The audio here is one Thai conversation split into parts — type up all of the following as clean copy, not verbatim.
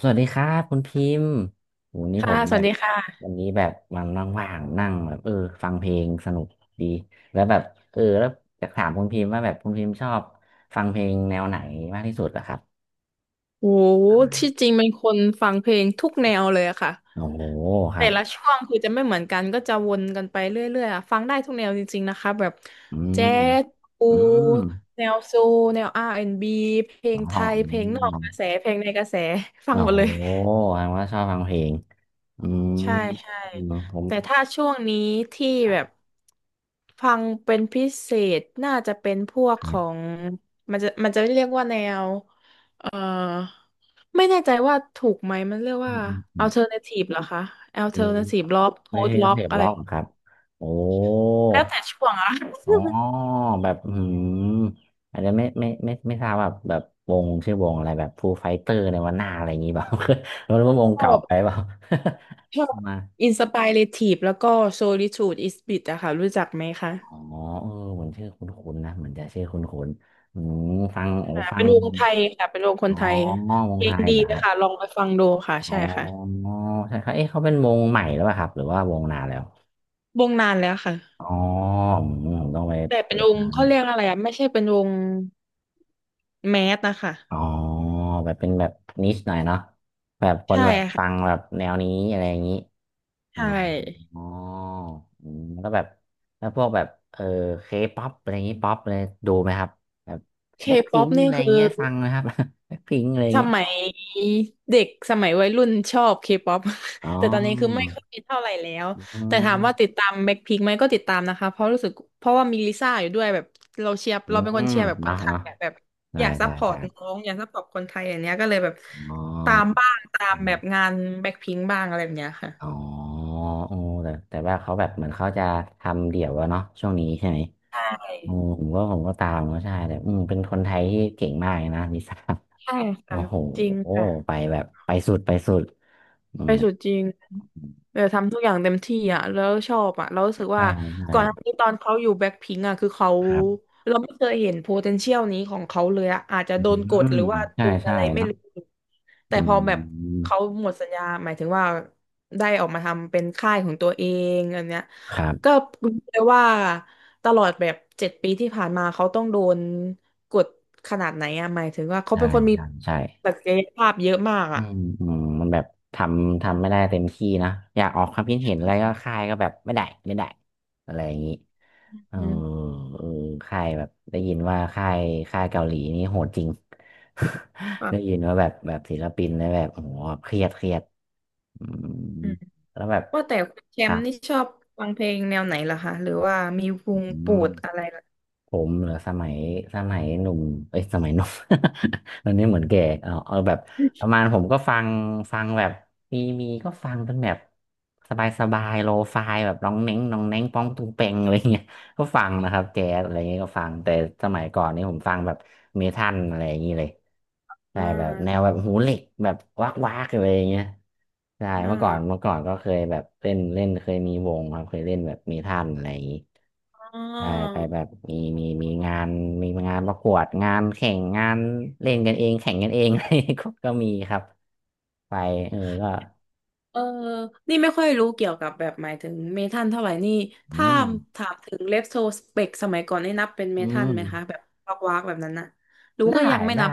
สวัสดีครับคุณพิมพ์โหนี่ผค่ะ มสแบวัสบดีค่ะวันนี้แบบวันว่างๆนั่งแบบเออฟังเพลงสนุกดีแล้วแบบเออแล้วอยากถามคุณพิมพ์ว่าแบบคุณพิมพ์ชอบฟังเพลงแนวไหนมากที่สุดอะครับโห ที่จริงเป็นคนฟังเพลงทุกแนวเลยอะค่ะ โอ้โหครัแต่บละช่วงคือจะไม่เหมือนกันก็จะวนกันไปเรื่อยๆอะฟังได้ทุกแนวจริงๆ นะคะแบบอืแจ๊มสปูอืมแนวโซลแนว R&B เพลอ๋องไทย เพลงนออ๋อกกระแส เพลงในกระแส ฟัโอ้งหมดโหเลย แสดงว่าชอบฟังเพลงอืมใช่ใช่อืมผมแต่ถ้าช่วงนี้ที่ครัแบบบฟังเป็นพิเศษน่าจะเป็นพวกคขรัอบงมันจะเรียกว่าแนวเอ่อไม่แน่ใจว่าถูกไหมมันเรียกอืว่า มอืมอืม alternative เหรอคะ อืม alternative rock ไม่ใช่ post เพ rock ลงอะไรร็อกเหรอครับโอ้ แล้วแต่ช่วงอะ อ๋อแบบอืมอาจจะไม่ทราบแบบวงชื่อวงอะไรแบบฟูไฟเตอร์ในวันหน้าอะไรอย่างงี้เปล่า ไม่รู้ว่าวง ชอเก่าบไปเปล่า ชอบ มา inspirative แล้วก็ solitude is bit อะค่ะรู้จักไหมคะอ๋อเออเหมือนชื่อคุ้นๆนะเหมือนจะชื่อคุ้นๆอืมฟังโอ้ค่ะฟัเป็งนวงไทยค่ะเป็นวงคนอ๋อไทยวเพงลไทงยดีเหรอเลคยรับค่ะลองไปฟังดูค่ะอ๋ใช่อค่ะ ใช่ครับเอ๊ะเขาเป็นวงใหม่หรือเปล่าครับหรือว่าวงนานแล้ววงนานแล้วค่ะอ๋ออืมผมต้องไปแต่เป็เปินดวงนะเขาเรียกอะไรอ่ะไม่ใช่เป็นวงแมสนะคะอ๋อแบบเป็นแบบนิชหน่อยเนาะแบบคนใช่แบบฟังค่ะแบบแนวนี้อะไรอย่างนี้ อ๋อใช่อออืมแล้วก็แบบแล้วพวกแบบเออเคป๊อปอะไรอย่างงี้ป๊อปเลยดูไหมครับแบบเคแบ็คป๊พิอปงนี่อะไรอย่าคืงอเงี้ยฟังนะครับ แบ็คพิง อะไรอย่าสงเงี้ยมัยเด็กสมัยวัยรุ่นชอบเคป๊อป อ๋อ แต่ตอนนี้คือไม่ค่อยเท่าไหร่แล้วอืแต่ถามว่าติดมตามแบ็คพิงไหมก็ติดตามนะคะเพราะรู้สึกเพราะว่ามีลิซ่าอยู่ด้วยแบบเราเชียร์อืเราเป็นคนมเชียร์แบบคเนาะนไทยเนาะแบบแบบใช่อยากซัใช่พพอร์ใช่ตน้องอยากซัพพอร์ตคนไทยอย่างเนี้ยก็เลยแบบอ๋อตามบ้างตาอืมแบมบงานแบ็คพิงบ้างอะไรแบบเนี้ยค่ะอ๋อโอ้แต่แต่ว่าเขาแบบเหมือนเขาจะทำเดี่ยวอะเนาะช่วงนี้ใช่ไหมโอ้ใช่ผมก็ตามก็ใช่แต่อืมเป็นคนไทยที่เก่งมากเลยนะลิซ่า ใช่ โอ้ค่ะโหจริงค่ะ ไปแบบไปสุดไปสุดอืไปม สู่จริงเออทำทุกอย่างเต็มที่อ่ะแล้วชอบอ่ะแล้วรู้สึกใช่ว่าใช่ก่อนหน้านี้ตอนเขาอยู่แบ็คพิงอ่ะคือเขาครับเราไม่เคยเห็น potential นี้ของเขาเลยอ่ะอาจจะอืโดนกดหมรือว่าใช่โดนใช่อะไรไม่เนาะรู้แต่อืพอแบบมเขาหมดสัญญาหมายถึงว่าได้ออกมาทำเป็นค่ายของตัวเองอันเนี้ยครัก็บรู้เลยว่าตลอดแบบ7 ปีที่ผ่านมาเขาต้องโดนกดขนาดไหนอ่ะหมายถึงว่าเขาใช่เป็นคนมีใช่ใช่ศักยภาพเยอะมากอือ่ะมอืมมันแบบทำทำไม่ได้เต็มที่นะอยากออกความคิดเห็นอะไรก็ค่ายก็แบบไม่ได้ไม่ได้อะไรอย่างนี้เอออืมเออค่ายแบบได้ยินว่าค่ายเกาหลีนี่โหดจริง ได้ยิค่ะ นว่าแบบแบบศิลปินแล้วแบบโอ้โหเครียดเครียดอืมแล้วแบบว่าแต่คุณแชคมรัป์บนี่ชอบฟังเพลงแนวไหนล่ะคะหรือว่ามีวอืงโปม รดอะไรล่ะผมเหรอสมัยสมัยหนุ่มเอ้ยสมัยหนุ่ม ตอนนี้เหมือนแก่เอาแบบประมาณผมก็ฟังแบบมีก็ฟังเป็นแบบสบายสบายโลฟายแบบน้องเน้งน้องเน้งป้องตุงเปงอะไรอย่างเงี้ย ก็ฟังนะครับแจ๊สอะไรเงี้ยก็ฟังแต่สมัยก่อนนี่ผมฟังแบบเมทัลอะไรอย่างงี้เลยอ่ใช่แบบแนวาแบบหูเหล็กแบบวักวักอะไรอย่างเงี้ยใช่อ่เมื่อก่อนเมื่อาก่อนก็เคยแบบเล่นเล่นเคยมีวงครับเคยเล่นแบบเมทัลอะไรอย่างงี้อ๋อใช่ไปแบบมีงานมีงานประกวดงานแข่งงานเล่นกันเองแข่งกันเองอะไรก็ก็มีครับไปเออก็เออนี่ไม่ค่อยรู้เกี่ยวกับแบบหมายถึงเมทัลเท่าไหร่นี่อืถ้ามถามถึงเลฟโซสเปกสมัยก่อนนี่นับเป็นเมอืทัลม ไหมคะแบบวักวักแบบนั้นนะรู้ได้ก็ยังไม่ได้นับ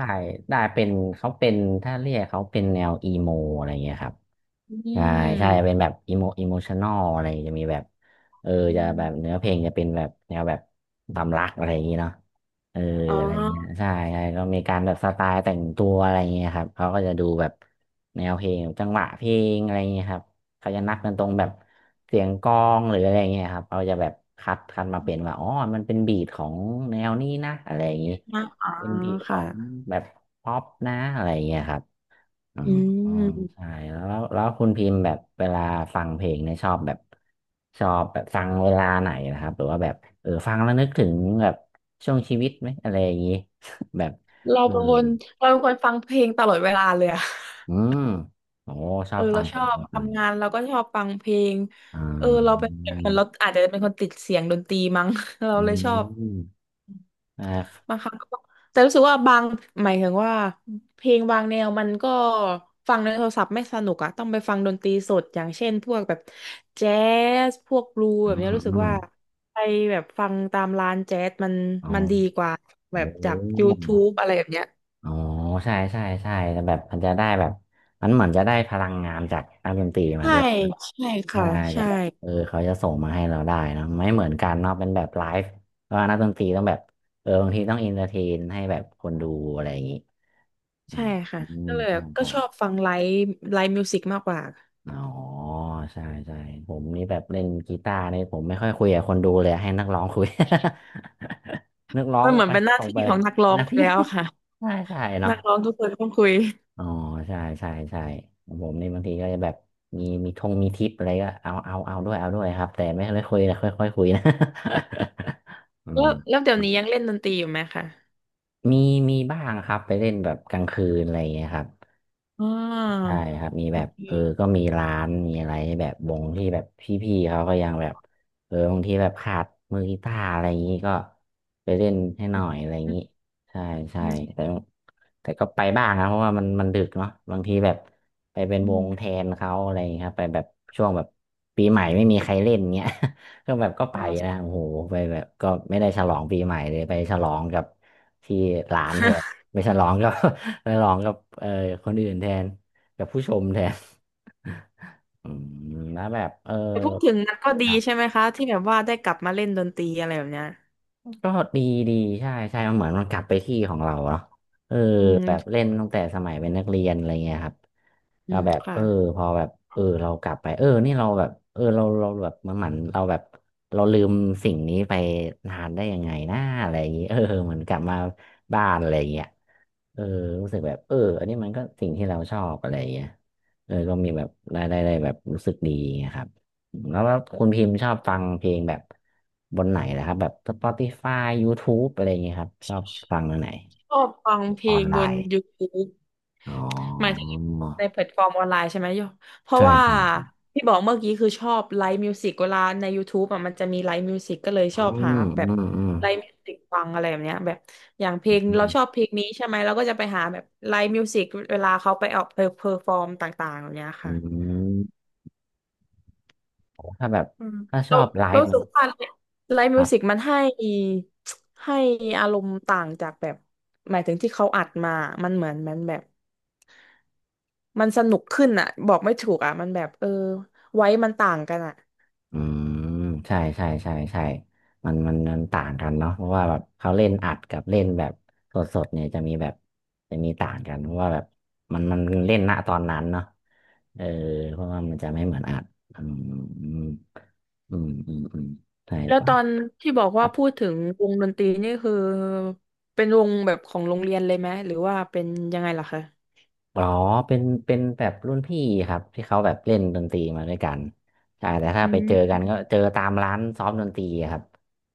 ได้เป็นเขาเป็นถ้าเรียกเขาเป็นแนวอีโมอะไรเงี้ยครับอืใช่ใช่เป็นมแบบอีโมอีโมชันอลอะไรจะมีแบบเอออืจะแบบเนื้มอเพลงจะเป็นแบบแนวแบบความรักอะไรอย่างงี้เนาะเอออ๋ออะไรเงี้ยใช่ใช่ก็มีการแบบสไตล์แต่งตัวอะไรเงี้ยครับเขาก็จะดูแบบแนวเพลงจังหวะเพลงอะไรเงี้ยครับเขาจะนับกันตรงแบบเสียงกลองหรืออะไรเงี้ยครับเขาจะแบบคัดมาเป็นว่าอ๋อมันเป็นบีทของแนวนี้นะอะไรอย่างงี้ นับอ๋อเป็นบีทของค่ะแบบป๊อปนะอะไรอย่างเงี้ยครับอือืมอืมมใช่แล้วคุณพิมพ์แบบเวลาฟังเพลงเนี่ยชอบแบบฟังเวลาไหนนะครับหรือว่าแบบเออฟังแล้วนึกถึงแบบช่วงชีวิตไหมอะไรอย่างงี้ แบบเราเออเป็นคนเราเป็นคนฟังเพลงตลอดเวลาเลยอะ อืมโอ้ชอเอบอฟัเรางเพชลองบฟังทำงานเราก็ชอบฟังเพลงอ่เออเราเป็นาแบบนั้นเราอาจจะเป็นคนติดเสียงดนตรีมั้ง เราอืเลยชอบมอ่าบางครั้งก็แต่รู้สึกว่าบางหมายถึงว่าเพลงบางแนวมันก็ฟังในโทรศัพท์ไม่สนุกอะต้องไปฟังดนตรีสดอย่างเช่นพวกแบบแจ๊สพวกบลูอืแบบมเนี้ยรู้สึอืกมว่าไปแบบฟังตามร้านแจ๊สมันอ๋อมันดีกว่าแบโอ้ บจาก YouTube อะไรแบบเนี้ยอ๋อใช่ใช่ใช่แต่แบบมันจะได้แบบมันเหมือนจะได้พลังงานจากนักดนตรีมาใช่ด้วยใช่ค่ะน่าจะใช่ แบบเออเขาจะส่งมาให้เราได้เนอะไม่เหมือนกันเนาะเป็นแบบไลฟ์เพราะว่านักดนตรีต้องแบบเออบางทีต้องอินเตอร์เทนให้แบบคนดูอะไรอย่างงี้อืใช่มค่ะอืมก็เลยใช่ก็ใช่ชอบฟังไลฟ์ไลฟ์มิวสิกมากกว่าอ๋อใช่ใช่ผมนี่แบบเล่นกีตาร์นี่ผมไม่ค่อยคุยกับคนดูเลยให้นักร้องคุย นักร้อมังนเหมือไปนเป็นหน้าส่งที่ไป ของนักร้อ งนะไปพี่ แล้วค่ะ ใช่ใช่เนาะ นักร้องทุกคนต้องคุยอ๋อใช่ใช่ใช่ของผมนี่บางทีก็จะแบบมีมีทงมีทิปอะไรก็เอาด้วยเอาด้วยครับแต่ไม่คุยนะค่อยค่อยคุยนะ อืแล้มวแล้วเดี๋ยวนี้ยังเล่นดนตรีอยู่ไหมคะมีมีบ้างครับไปเล่นแบบกลางคืนอะไรอย่างเงี้ยครับ อ๋อใช่ครับมีโอแบบเค ก็มีร้านมีอะไรให้แบบวงที่แบบพี่ๆเขาก็ยังแบบบางทีแบบขาดมือกีตาร์อะไรอย่างนี้ก็ไปเล่นให้หน่อยอะไรอย่างนี้ใช่ใช่อืมแต่แต่ก็ไปบ้างนะเพราะว่ามันดึกเนาะบางทีแบบไปเป็นอืมวอืงแทมนเขาอะไรอย่างนี้ครับไปแบบช่วงแบบปีใหม่ไม่มีใครเล่นเงี้ย ก็แบบก็อ๋ไปอนะใช่ โอ้โหไปแบบก็ไม่ได้ฉลองปีใหม่เลยไปฉลองกับที่ร้านแทนไปฉลองกับ ไปฉลองกับคนอื่นแทน กับผู้ชมแทนอืมแล้วแบบแต่พูดถึงนันก็ดีครัใช่บไหมคะที่แบบว่าได้กลับมาเล่นดนตรีอะไรแบบเนี้ยก็ดีดีใช่ใช่มันเหมือนมันกลับไปที่ของเราเนาะเอออืแบบเล่มนตั้งแต่สมัยเป็นนักเรียนอะไรเงี้ยครับอืเรามแบบค่ะพอแบบเรากลับไปนี่เราแบบเราแบบเหมือนเราแบบเราลืมสิ่งนี้ไปนานได้ยังไงนะอะไรอย่างงี้เออเหมือนกลับมาบ้านอะไรอย่างเงี้ยเออรู้สึกแบบเอออันนี้มันก็สิ่งที่เราชอบอะไรอย่างเงี้ยเออก็มีแบบได้แบบรู้สึกดีอย่างเงี้ยครับ แล้วว่าคุณพิมพ์ชอบฟังเพลงแบบบนไหนนะครับแบบ Spotify YouTube อะไรอย่างเงี้ยครับชอบฟังอันไหนชอบฟังเพอลอนงไลบน น์ YouTube อ๋อหมายถึงในแพลตฟอร์มออนไลน์ใช่ไหมโยเพราะใช่ว่าใช่ใช่พี่บอกเมื่อกี้คือชอบไลฟ์มิวสิกเวลาใน YouTube อ่ะมันจะมีไลฟ์มิวสิกก็เลยชอือบหามแบบอืมอืมไลฟ์มิวสิกฟังอะไรแบบเนี้ยแบบอย่างเพอลงืเรามชอบเพลงนี้ใช่ไหมเราก็จะไปหาแบบไลฟ์มิวสิกเวลาเขาไปออกเพอร์ฟอร์มต่างๆแบบเนี้ยอืค่ะ มโอ้ถ้าแบบอืมถ้าชเราอบไลเราฟ์รู้มัสึน กว่าไลฟ์มิวสิกมันให้ให้อารมณ์ต่างจากแบบหมายถึงที่เขาอัดมามันเหมือนมันแบบมันสนุกขึ้นอ่ะบอกไม่ถูกอ่ะมันแบบเออไว้มันต่างกันอ่ะอืมใช่มันต่างกันเนาะเพราะว่าแบบเขาเล่นอัดกับเล่นแบบสดเนี่ยจะมีแบบจะมีต่างกันเพราะว่าแบบมันเล่นณตอนนั้นเนาะเออเพราะว่ามันจะไม่เหมือนอัดอืมอืมอืมอืมอืมใช่แล้ควตอนที่บอกว่ารับ พูดถึงวงดนตรีนี่คือเป็นวงแบบของโรงเรียนเลยไหมหรือว่าเป็นยังไงล่ะคะอ๋อเป็นแบบรุ่นพี่ครับที่เขาแบบเล่นดนตรีมาด้วยกันใช่แต่ถ้าอืไปเจอกัมนก็เจอตามร้านซ้อมดนตรีอะครับ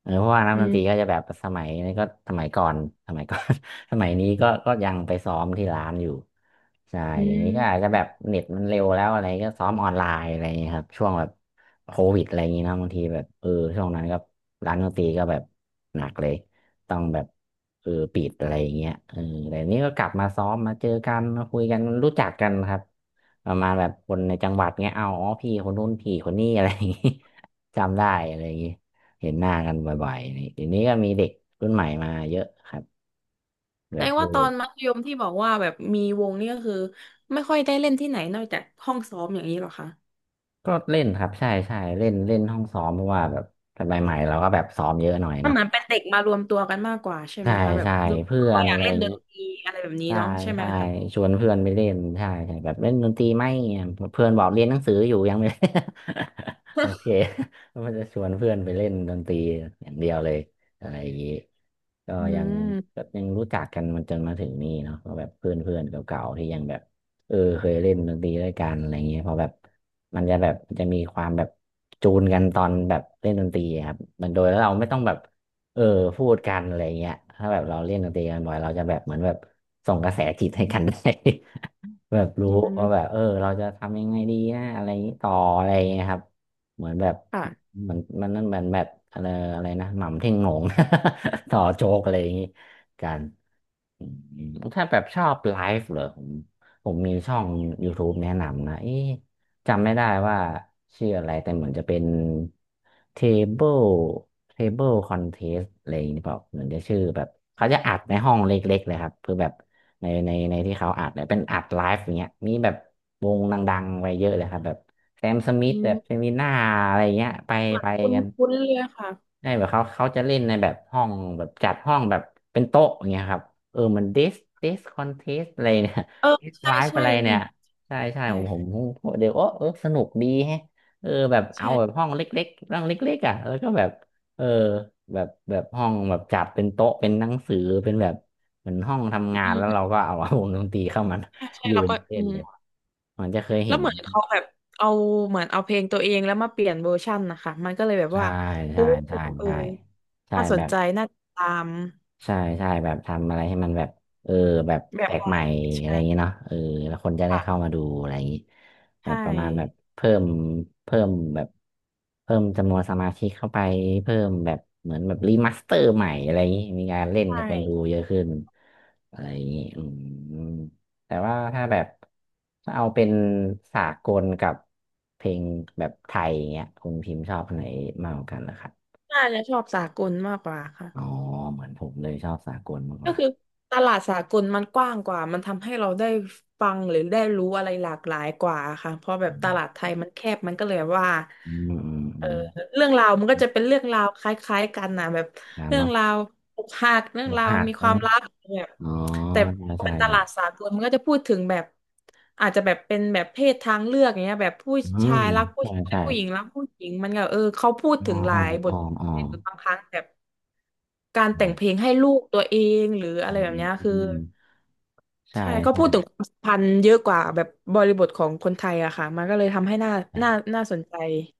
เออเพราะว่านักอืดนตมรีก็จะแบบสมัยนี้ก็สมัยก่อน สมัยนี้ก็ยังไปซ้อมที่ร้านอยู่ใช่อืเดี๋ยวนี้ก็อาจม จะแบบเน็ตมันเร็วแล้วอะไรก็ซ้อมออนไลน์อะไรอย่างเงี้ยครับช่วงแบบโควิดอะไรอย่างงี้เนอะบางทีแบบช่วงนั้นก็ร้านดนตรีก็แบบหนักเลย ต้องแบบเออปิดอะไรอย่างเงี้ยเออแต่นี่ก็กลับมาซ้อมมาเจอกันมาคุยกันรู้จักกันครับประมาณแบบคนในจังหวัดเงี้ยเอาอ๋อพี่คนนู้นพี่คนนี้อะไรอย่างงี้ จำได้อะไรอย่างงี้เห็นหน้ากันบ่อยๆนี่เดี๋ยวนี้ก็มีเด็กรุ่นใหม่มาเยอะครับแบแสดบงเอว่าตออนมัธยมที่บอกว่าแบบมีวงนี่ก็คือไม่ค่อยได้เล่นที่ไหนนอกจากห้องซ้อมอย่างนี้หรอคะก็เล่นครับใช่ใช่เล่นเล่นห้องซ้อมเพราะว่าแบบสมัยใหม่เราก็แบบซ้อมเยอะหน่อยมันเนาะเหมือนเป็นเด็กมารวมตัวกันมากกว่าใช่ไหใช่มคะแบบใช่ดูเพื่ก็อนออะยากไรเล่อนย่างดนี้ นตรีอะไรแบบนี้ใช่เนาะใช่ไหมใช่คะ ชวนเพื่อนไปเล่นใช่ใช่แบบเล่นดนตรีไหมเนี่ยเพื่อนบอกเรียนหนังสืออยู่ยังไม่ โอเค ก็มันจะชวนเพื่อนไปเล่นดนตรีอย่างเดียวเลยอะไรอย่างนี้ก็อืยังมก็ยังรู้จักกันมันจนมาถึงนี่เนาะก็แบบเพื่อนเพื่อนเก่าๆที่ยังแบบเออเคยเล่นดนตรีด้วยกันอะไรอย่างเงี้ยเพอแบบมันจะแบบจะมีความแบบจูนกันตอนแบบเล่นดนตรีอะครับมันโดยแล้วเราไม่ต้องแบบ เออพูดกันอะไรเงี้ยถ้าแบบเราเล่นดนตรีกันบ่อยเราจะแบบเหมือนแบบส่งกระแสจิตให้กันได้ แบบอืรู้ว่าแบบมเออเราจะทำยังไงดีนะอะไรอย่างนี้ต่ออะไรเงี้ยครับเหมือนแบบค่ะเหมันนั่นเหมือนแบบอะไรอะไรนะหม่ำเท่งโหน่ง ต่อโจ๊กอะไรอย่างนี้กัน อืมถ้าแบบชอบไลฟ์เหรอผมมีช่อง YouTube แนะนำนะเอ๊ะจำไม่ได้ว่าชื่ออะไรแต่เหมือนจะเป็น Table Table Contest อะไรอย่างนี้เปล่าเหมือนจะชื่อแบบเขาจะอัดในห้องเล็กๆเลยครับคือแบบในที่เขาอัดเนี่ยเป็นอัดไลฟ์อย่างเงี้ยมีแบบวงดังๆไว้เยอะเลยครับแบบแซมสมิธอืแบมบเซมิน่าอะไรอย่างเงี้ยไปเหมือนไปคุ้นกัน คุ้นเลยค่ะใช่แบบเขาจะเล่นในแบบห้องแบบจัดห้องแบบเป็นโต๊ะอย่างเงี้ยครับเออมันดิสคอนเทสอะไรเนี่ย เออ ดิสใช่ไลฟ์ใช่อะไรเนี่ยใช่ใช่ผมผมใช่ผมเดี๋ยวโอ้เออสนุกดีแฮะเออแบบเอาแบบใช่ห้องเล็กๆห้องเล็กๆอ่ะแล้วก็แบบเออแบบห้องแบบจัดเป็นโต๊ะเป็นหนังสือเป็นแบบเหมือนห้องทำงาอืนแล้วเรามก็เอา วงดนตรีเข้ามาใช่ใช่ยืแล้วนก็เล่อืนมเลยมันจะเคยแล้เห็วนเหมือนเขาแบบเอาเหมือนเอาเพลงตัวเองแล้วมาเปลี่ยนเวอร์ชันนะคะมันก็เลยแบบใช่ว่าโอ้ใช่ใช่เออใช่ใช่น่าสแบนบ ใจน่าติดตาม ใช่ใช่แบบทำอะไรให้มันแบบเออแบบแบแปบลกใหม่ใหม่อะไรใช่อย่างเงี้ยเนาะเออแล้วคนจะได้เข้าค่ะมาดูอะไรอย่างงี้แบใช่บประมาณแบบเพิ่มเพิ่มแบบเพิ่มจำนวนสมาชิกเข้าไปเพิ่มแบบเหมือนแบบรีมาสเตอร์ใหม่อะไรอย่างงี้มีการเล่นใช่กับคนดูเยอะขึ้นอะไรอย่างงี้อืมแต่ว่าถ้าแบบถ้าเอาเป็นสากลกับเพลงแบบไทยอย่างเงี้ยคุณพิมพ์ชอบอันไหนมากกว่ากันนะครับน่าจะชอบสากลมากกว่าค่ะ อ๋อเหมือนผมเลยชอบสากลมากกก็ว่า คือตลาดสากลมันกว้างกว่า มันทำให้เราได้ฟังหรือได้รู้อะไรหลากหลายกว่าค่ะเพราะแบบตลาดไทยมันแคบมันก็เลยว่าอืมอืมเออือมเรื่องราวมันก็จะเป็นเรื่องราวคล้ายๆกันนะแบบนานเรื่องเนาะราวอกหักเรื่อองกราวหักมีอะควาไรมรักแบบอ๋อแต่ใช่พอใช่เป็นตครัลาดบสากลมันก็จะพูดถึงแบบอาจจะแบบเป็นแบบเพศทางเลือกอย่างเงี้ยแบบผู้อืชามยรักผู้ใช่ชายใช่ผู้หญิงรักผู้หญิงมันก็เออเขาพูดอ๋ถึองหลาอ๋อยบอ๋ทออ๋อหรือบางครั้งแบบ การครัแต่งเพลบงให้ลูกตัวเองหรืออะอืไรแบบมเนี้ยอืคือมใช่ใช่เขาพูดถึงใช่ความสัมพันธ์เยอะกว่าแบบบริบทของคนไทยอะค่ะมันก็เลยทำให้ใช่น่าสนใจ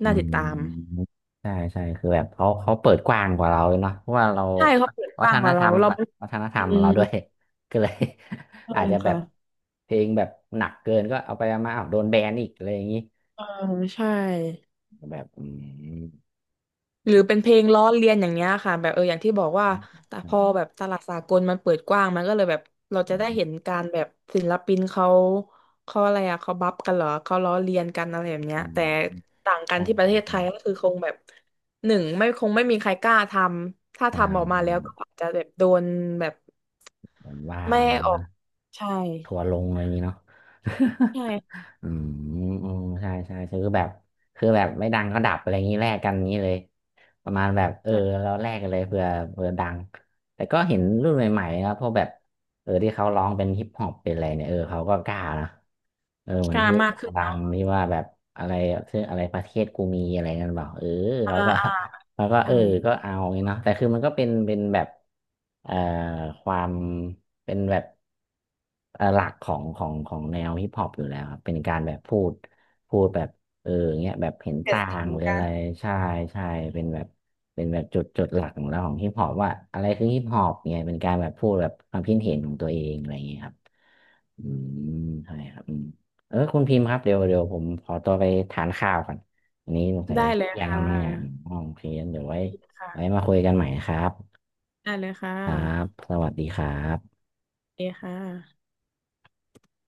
อืน่าติดตามมใช่ใช่คือแบบเขาเปิดกว้างกว่าเราเนาะเพราะว่าเราใช่เขาเปิดกวัว้าฒงกนว่าธเรารรมเรากับเป็นวัฒนธรอืรมเรามด้วย ก็เลยใช่อาจจะแบค่ะบเพลงแบบหนักเกินก็เอาไปเอามาอ้าวโดนแบนอีกอะไรอย่างนี้เออใช่ แบบอืมหรือเป็นเพลงล้อเลียนอย่างเงี้ยค่ะแบบเอออย่างที่บอกว่าอืมแต่อืพอแบบตลาดสากลมันเปิดกว้างมันก็เลยแบบเราจะได้มเห็นการแบบศิลปินเขาเขาอะไรอะเขาบัฟกันเหรอเขาล้อเลียนกันอะไรแบบเนี้อืยมแต่ต่างกันใช่ที่ประเทใช่ศไทใช่ ยก็คือคงแบบหนึ่งไม่คงไม่มีใครกล้าทำถ้าใชทำออกมาแล้ว่ก็อาจจะแบบโดนแบบโดนว่าไม่อะไรอให้ย่างองี้อกนะใช่ทัวร์ลงอะไรอย่างงี้เนาะ ใช่ อืมอืมใช่ใช่คือแบบคือแบบไม่ดังก็ดับอะไรอย่างงี้แลกกันอย่างงี้เลยประมาณแบบเออใช่เราแลกกันเลยเผื่อเผื่อดังแต่ก็เห็นรุ่นใหม่ๆนะพวกแบบเออที่เขาร้องเป็นฮิปฮอปเป็นอะไรเนี่ยเออเขาก็กล้านะเออเหมืกอนล้าที่มากขึ้นดัเนาะงที่ว่าแบบอะไรชื่ออะไรประเทศกูมีอะไรนั่นเปล่าเอออ่าเขาก็ อ่าแล้วก็เอใช่อก็เอาอย่างงี้เนาะแต่คือมันก็เป็นแบบเอ่อความเป็นแบบหลักของแนวฮิปฮอปอยู่แล้วครับเป็นการแบบพูดแบบเออเงี้ยแบบเห็นเกิดต่าสิ่งงหรือกัอะนไรใช่ใช่เป็นแบบเป็นแบบจุดหลักของเราของฮิปฮอปว่าอะไรคือฮิปฮอปเนี่ยเป็นการแบบพูดแบบความคิดเห็นของตัวเองอะไรอย่างเงี้ยครับอืมใช่ครับอืมเออคุณพิมพ์ครับเดี๋ยวผมขอตัวไปทานข้าวก่อน อันนี้สงสัยได้เลยแยกกัค่ะนบ้างเนี่ยอ๋อโอเคงั้นเดี๋ยวไว้ได้เลยค่ะไว้มาคุยกันใหม่ครับได้เลยค่ครับะ สวัสดีครับโอเคค่ะ